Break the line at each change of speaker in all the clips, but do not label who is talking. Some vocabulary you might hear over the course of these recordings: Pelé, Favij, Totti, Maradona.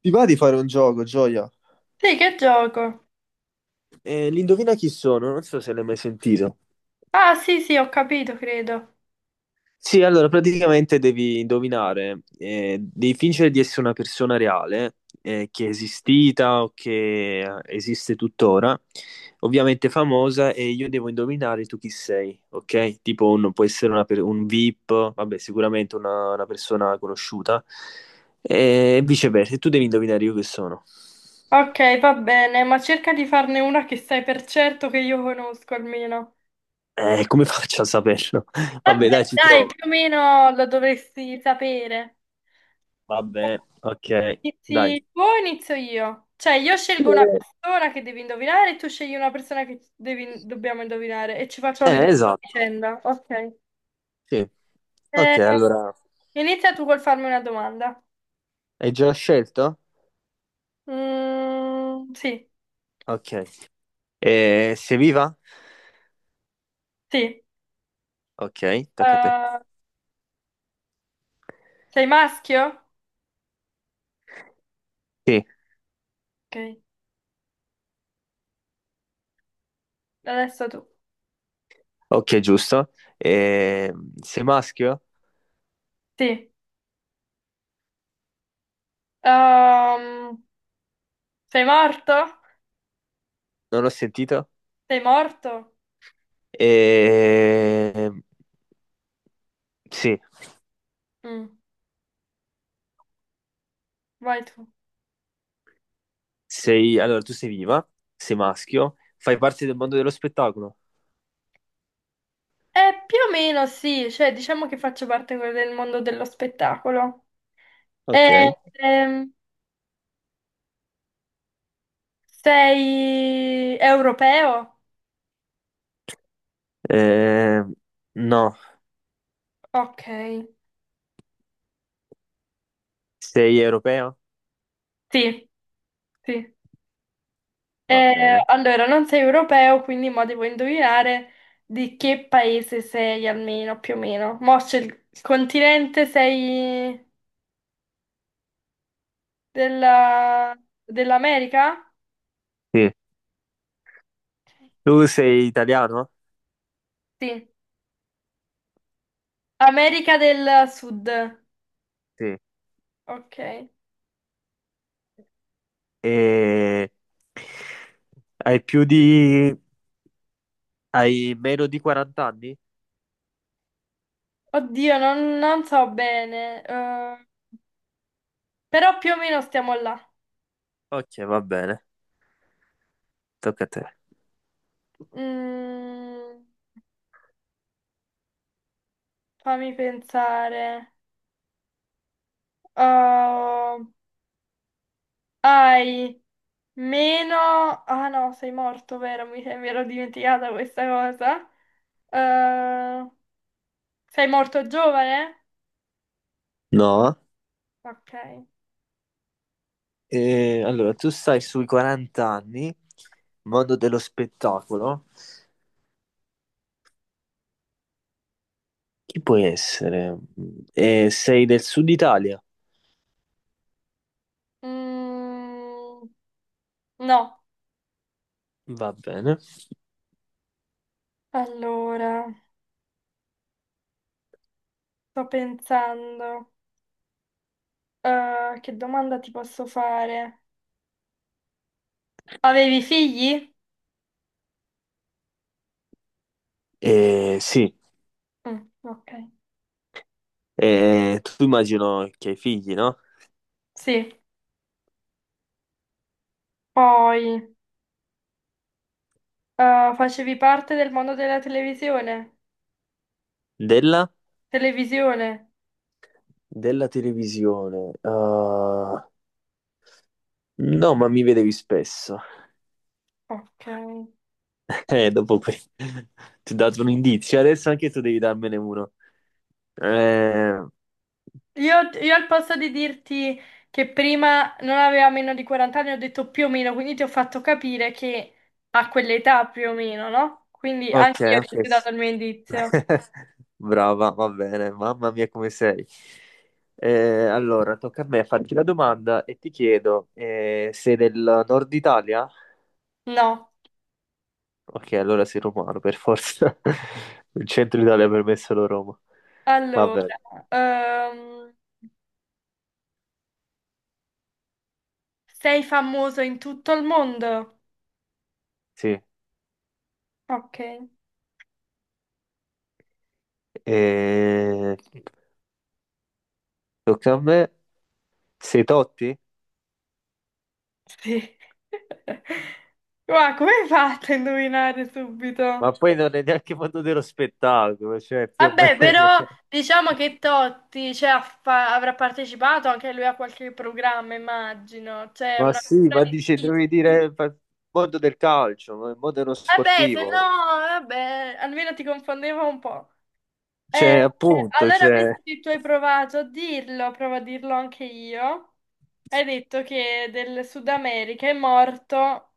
Ti va di fare un gioco, Gioia?
Sì, che gioco?
L'indovina chi sono? Non so se l'hai mai sentito.
Ah, sì, sì, ho capito, credo.
Sì, allora praticamente devi indovinare, devi fingere di essere una persona reale, che è esistita o che esiste tuttora, ovviamente famosa, e io devo indovinare tu chi sei, ok? Può essere un VIP, vabbè, sicuramente una persona conosciuta, e viceversa, e tu devi indovinare io che sono.
Ok, va bene, ma cerca di farne una che sai per certo che io conosco almeno.
Come faccio a saperlo? Vabbè,
Vabbè,
dai, ci
dai, più
provo.
o meno lo dovresti sapere.
Va bene, ok, dai.
Inizi tu o inizio io? Cioè, io scelgo una persona che devi indovinare e tu scegli una persona che dobbiamo indovinare e ci faccio le domande a
Esatto,
vicenda. Ok.
sì. Ok,
Eh,
allora
Inizia tu col farmi una domanda.
hai già scelto?
Sì,
Ok. Sei viva?
sì.
Ok, tocca a te.
Eh, Sei maschio?
Sì,
Ok, adesso tu.
ok, giusto. Sei maschio?
Sì. Ehm, Sei morto?
Non ho sentito.
Sei morto?
Eh, sì,
Mm, Vai tu.
Allora, tu sei viva, sei maschio, fai parte del mondo dello spettacolo?
Più o meno sì, cioè diciamo che faccio parte del mondo dello spettacolo. Eh,
Ok.
ehm, Sei europeo?
No,
Ok,
sei europeo?
sì, sì.
Va bene.
Allora, non sei europeo, quindi mo devo indovinare di che paese sei almeno, più o meno. Mo c'è il continente, sei... Della... Dell'America?
Sì. Tu sei italiano?
Sì, America del Sud.
Sì.
Ok.
E hai più di... hai meno di 40 anni?
Oddio, non so bene, però più o meno stiamo là.
Ok, va bene, tocca a te.
Mm, Fammi pensare. Oh, hai meno... Ah no, sei morto, vero? Mi ero dimenticata questa cosa. Eh, Sei morto giovane?
No,
Ok.
eh, allora tu stai sui 40 anni, mondo dello spettacolo. Chi puoi essere? Sei del sud Italia?
Mm, no.
Va bene.
Allora, sto pensando, che domanda ti posso fare? Avevi figli?
Sì,
Mm, ok.
eh, tu immagino che hai figli, no?
Sì. Poi, facevi parte del mondo della televisione?
Della?
Televisione?
Della televisione. Ah, no, ma mi vedevi spesso.
Ok.
Dopo qui ti ho dato un indizio, adesso anche tu devi darmene uno. Eh,
Io al posto di dirti che prima non aveva meno di 40 anni, ho detto più o meno, quindi ti ho fatto capire che a quell'età più o meno, no? Quindi anche
ok,
io ti ho
ok.
dato il mio indizio.
Brava, va bene, mamma mia come sei. Allora, tocca a me farti la domanda e ti chiedo, sei del nord Italia?
No.
Ok, allora sei romano per forza. Il centro Italia per me è solo Roma.
Allora,
Vabbè,
ehm, sei famoso in tutto il mondo?
sì.
Ok,
Eh, tocca a me. Sei Totti?
sì. Ma come hai fatto a indovinare
Ma
subito?
poi non è neanche mondo dello spettacolo, cioè più o
Vabbè,
meno.
però diciamo che Totti, cioè, avrà partecipato anche lui a qualche programma, immagino. Cioè,
Ma
una
sì,
figura
ma dice,
difficile.
mondo del calcio, ma il mondo dello
Vabbè, se
sportivo.
no, vabbè, almeno ti confondevo un po'. Eh,
Cioè,
eh,
appunto,
allora, visto
cioè,
che tu hai provato a dirlo, provo a dirlo anche io. Hai detto che del Sud America è morto.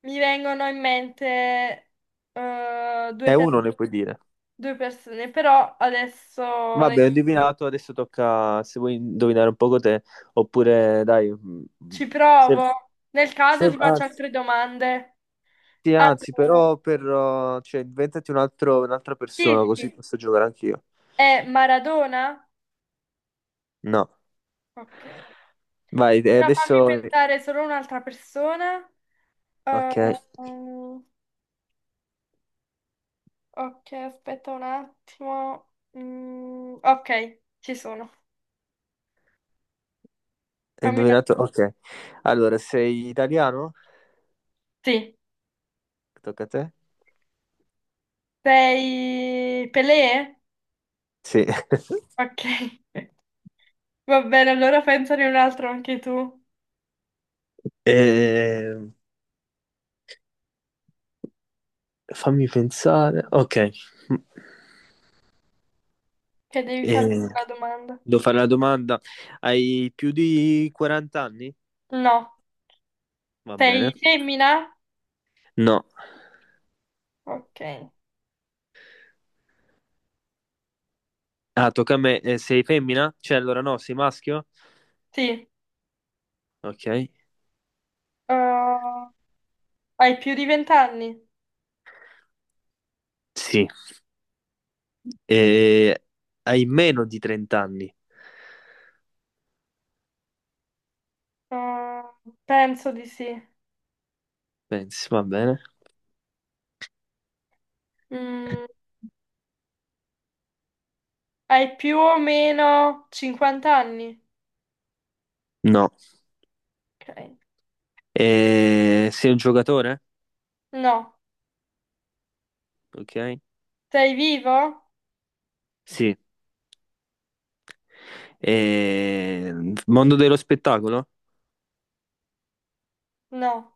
Mi vengono in mente
è
due,
uno ne puoi dire.
due persone, però adesso le-
Vabbè, ho indovinato, adesso tocca se vuoi indovinare un poco te, oppure dai,
ci
se,
provo. Nel caso ti faccio
anzi,
altre domande.
sì, anzi,
Allora,
però inventati un'altra persona,
sì,
così
sì,
posso giocare anch'io.
è Maradona?
No,
Ok.
vai, e
Allora fammi
adesso...
pensare solo un'altra persona. Eh,
Ok.
mm, ok, aspetta un attimo. Mm, ok, ci sono.
Hai
Fammi...
indovinato? Ok. Allora, sei italiano?
Sì.
Tocca a te?
Sei Pelé?
Sì.
Ok. Va bene, allora pensane un altro anche tu,
Eh, fammi pensare. Ok.
che devi fare
Eh,
una domanda.
devo fare la domanda. Hai più di 40 anni?
No,
Va
sei
bene.
femmina?
No.
Ok.
Ah, tocca a me. Sei femmina? Cioè, allora no, sei maschio?
Sì.
Ok.
Uh, Hai più di 20 anni?
Sì. Eh, hai meno di 30 anni?
Uh, Penso di sì.
Pensi, va bene.
Mm, Hai più o meno 50 anni?
No.
Ok.
Sei un giocatore?
No.
Ok.
Sei vivo?
Sì. Eh, mondo dello spettacolo?
No.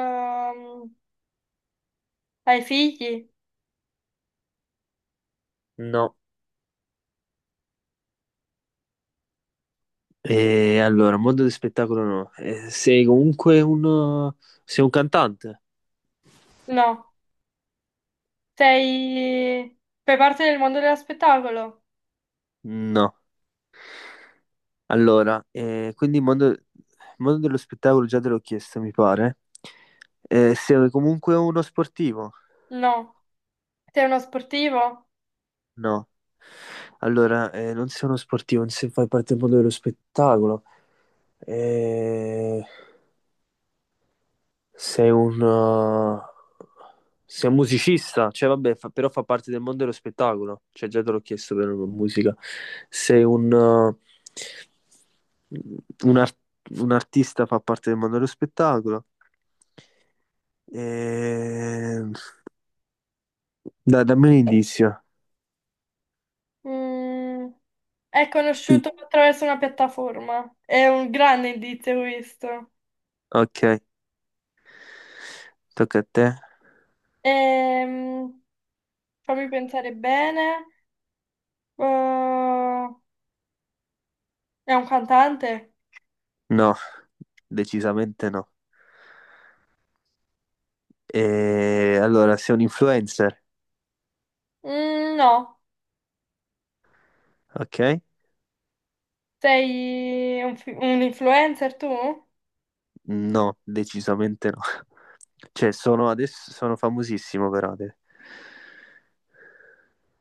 Ehm, Hai figli?
No, eh, allora, mondo dello spettacolo no. Sei un cantante?
No. Sei... Fai parte del mondo dello spettacolo?
No. Allora, mondo dello spettacolo già te l'ho chiesto, mi pare. Sei comunque uno sportivo?
No. Sei uno sportivo?
No. Allora, non sei uno sportivo, non sei, fai parte del mondo dello spettacolo. Eh, Sei un, uh, sei un musicista, però fa parte del mondo dello spettacolo, cioè già te l'ho chiesto per la musica. Sei un, ar- Un artista, fa parte del mondo dello spettacolo. Ehm, Dai, dammi un indizio.
Mm, è
Sì.
conosciuto attraverso una piattaforma. È un grande indizio questo.
Ok, tocca a te.
Ehm, Fammi pensare bene. Eh, è un cantante?
No, decisamente no. E allora, sei un influencer,
Mm, no.
ok?
Sei un influencer tu?
No, decisamente no. Cioè, sono famosissimo per Ade.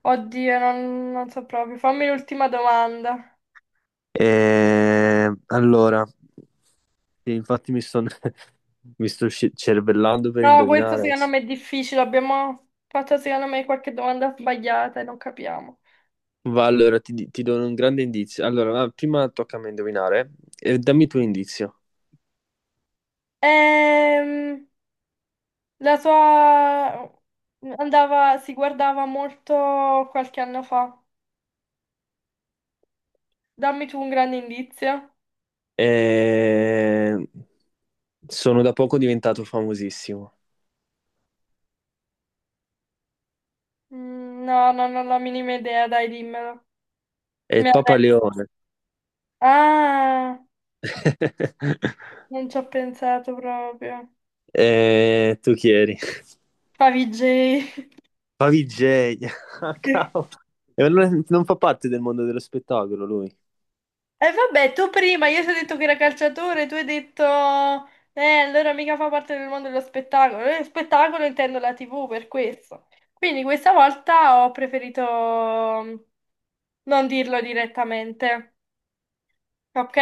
Oddio, non so proprio. Fammi l'ultima domanda.
E, allora, sì, infatti cervellando per
No, questo
indovinare.
secondo me è difficile. Abbiamo fatto secondo me qualche domanda sbagliata e non capiamo.
Va, ti do un grande indizio. Allora, va, prima tocca a me indovinare. Dammi tu indizio.
Ehm, La tua andava, si guardava molto qualche anno fa. Dammi tu un grande indizio.
Eh, sono da poco diventato famosissimo.
Mm, no, no, non ho la minima idea, dai, dimmelo.
È
Mi
il Papa
arrendo.
Leone.
Ah, non ci ho pensato proprio.
Tu chi eri?
Favij.
Favij, cavolo. E allora non fa parte del mondo dello spettacolo lui.
E vabbè, tu prima, io ti ho detto che era calciatore, tu hai detto, allora mica fa parte del mondo dello spettacolo. Spettacolo intendo la TV per questo. Quindi questa volta ho preferito mm, non dirlo direttamente. Ok?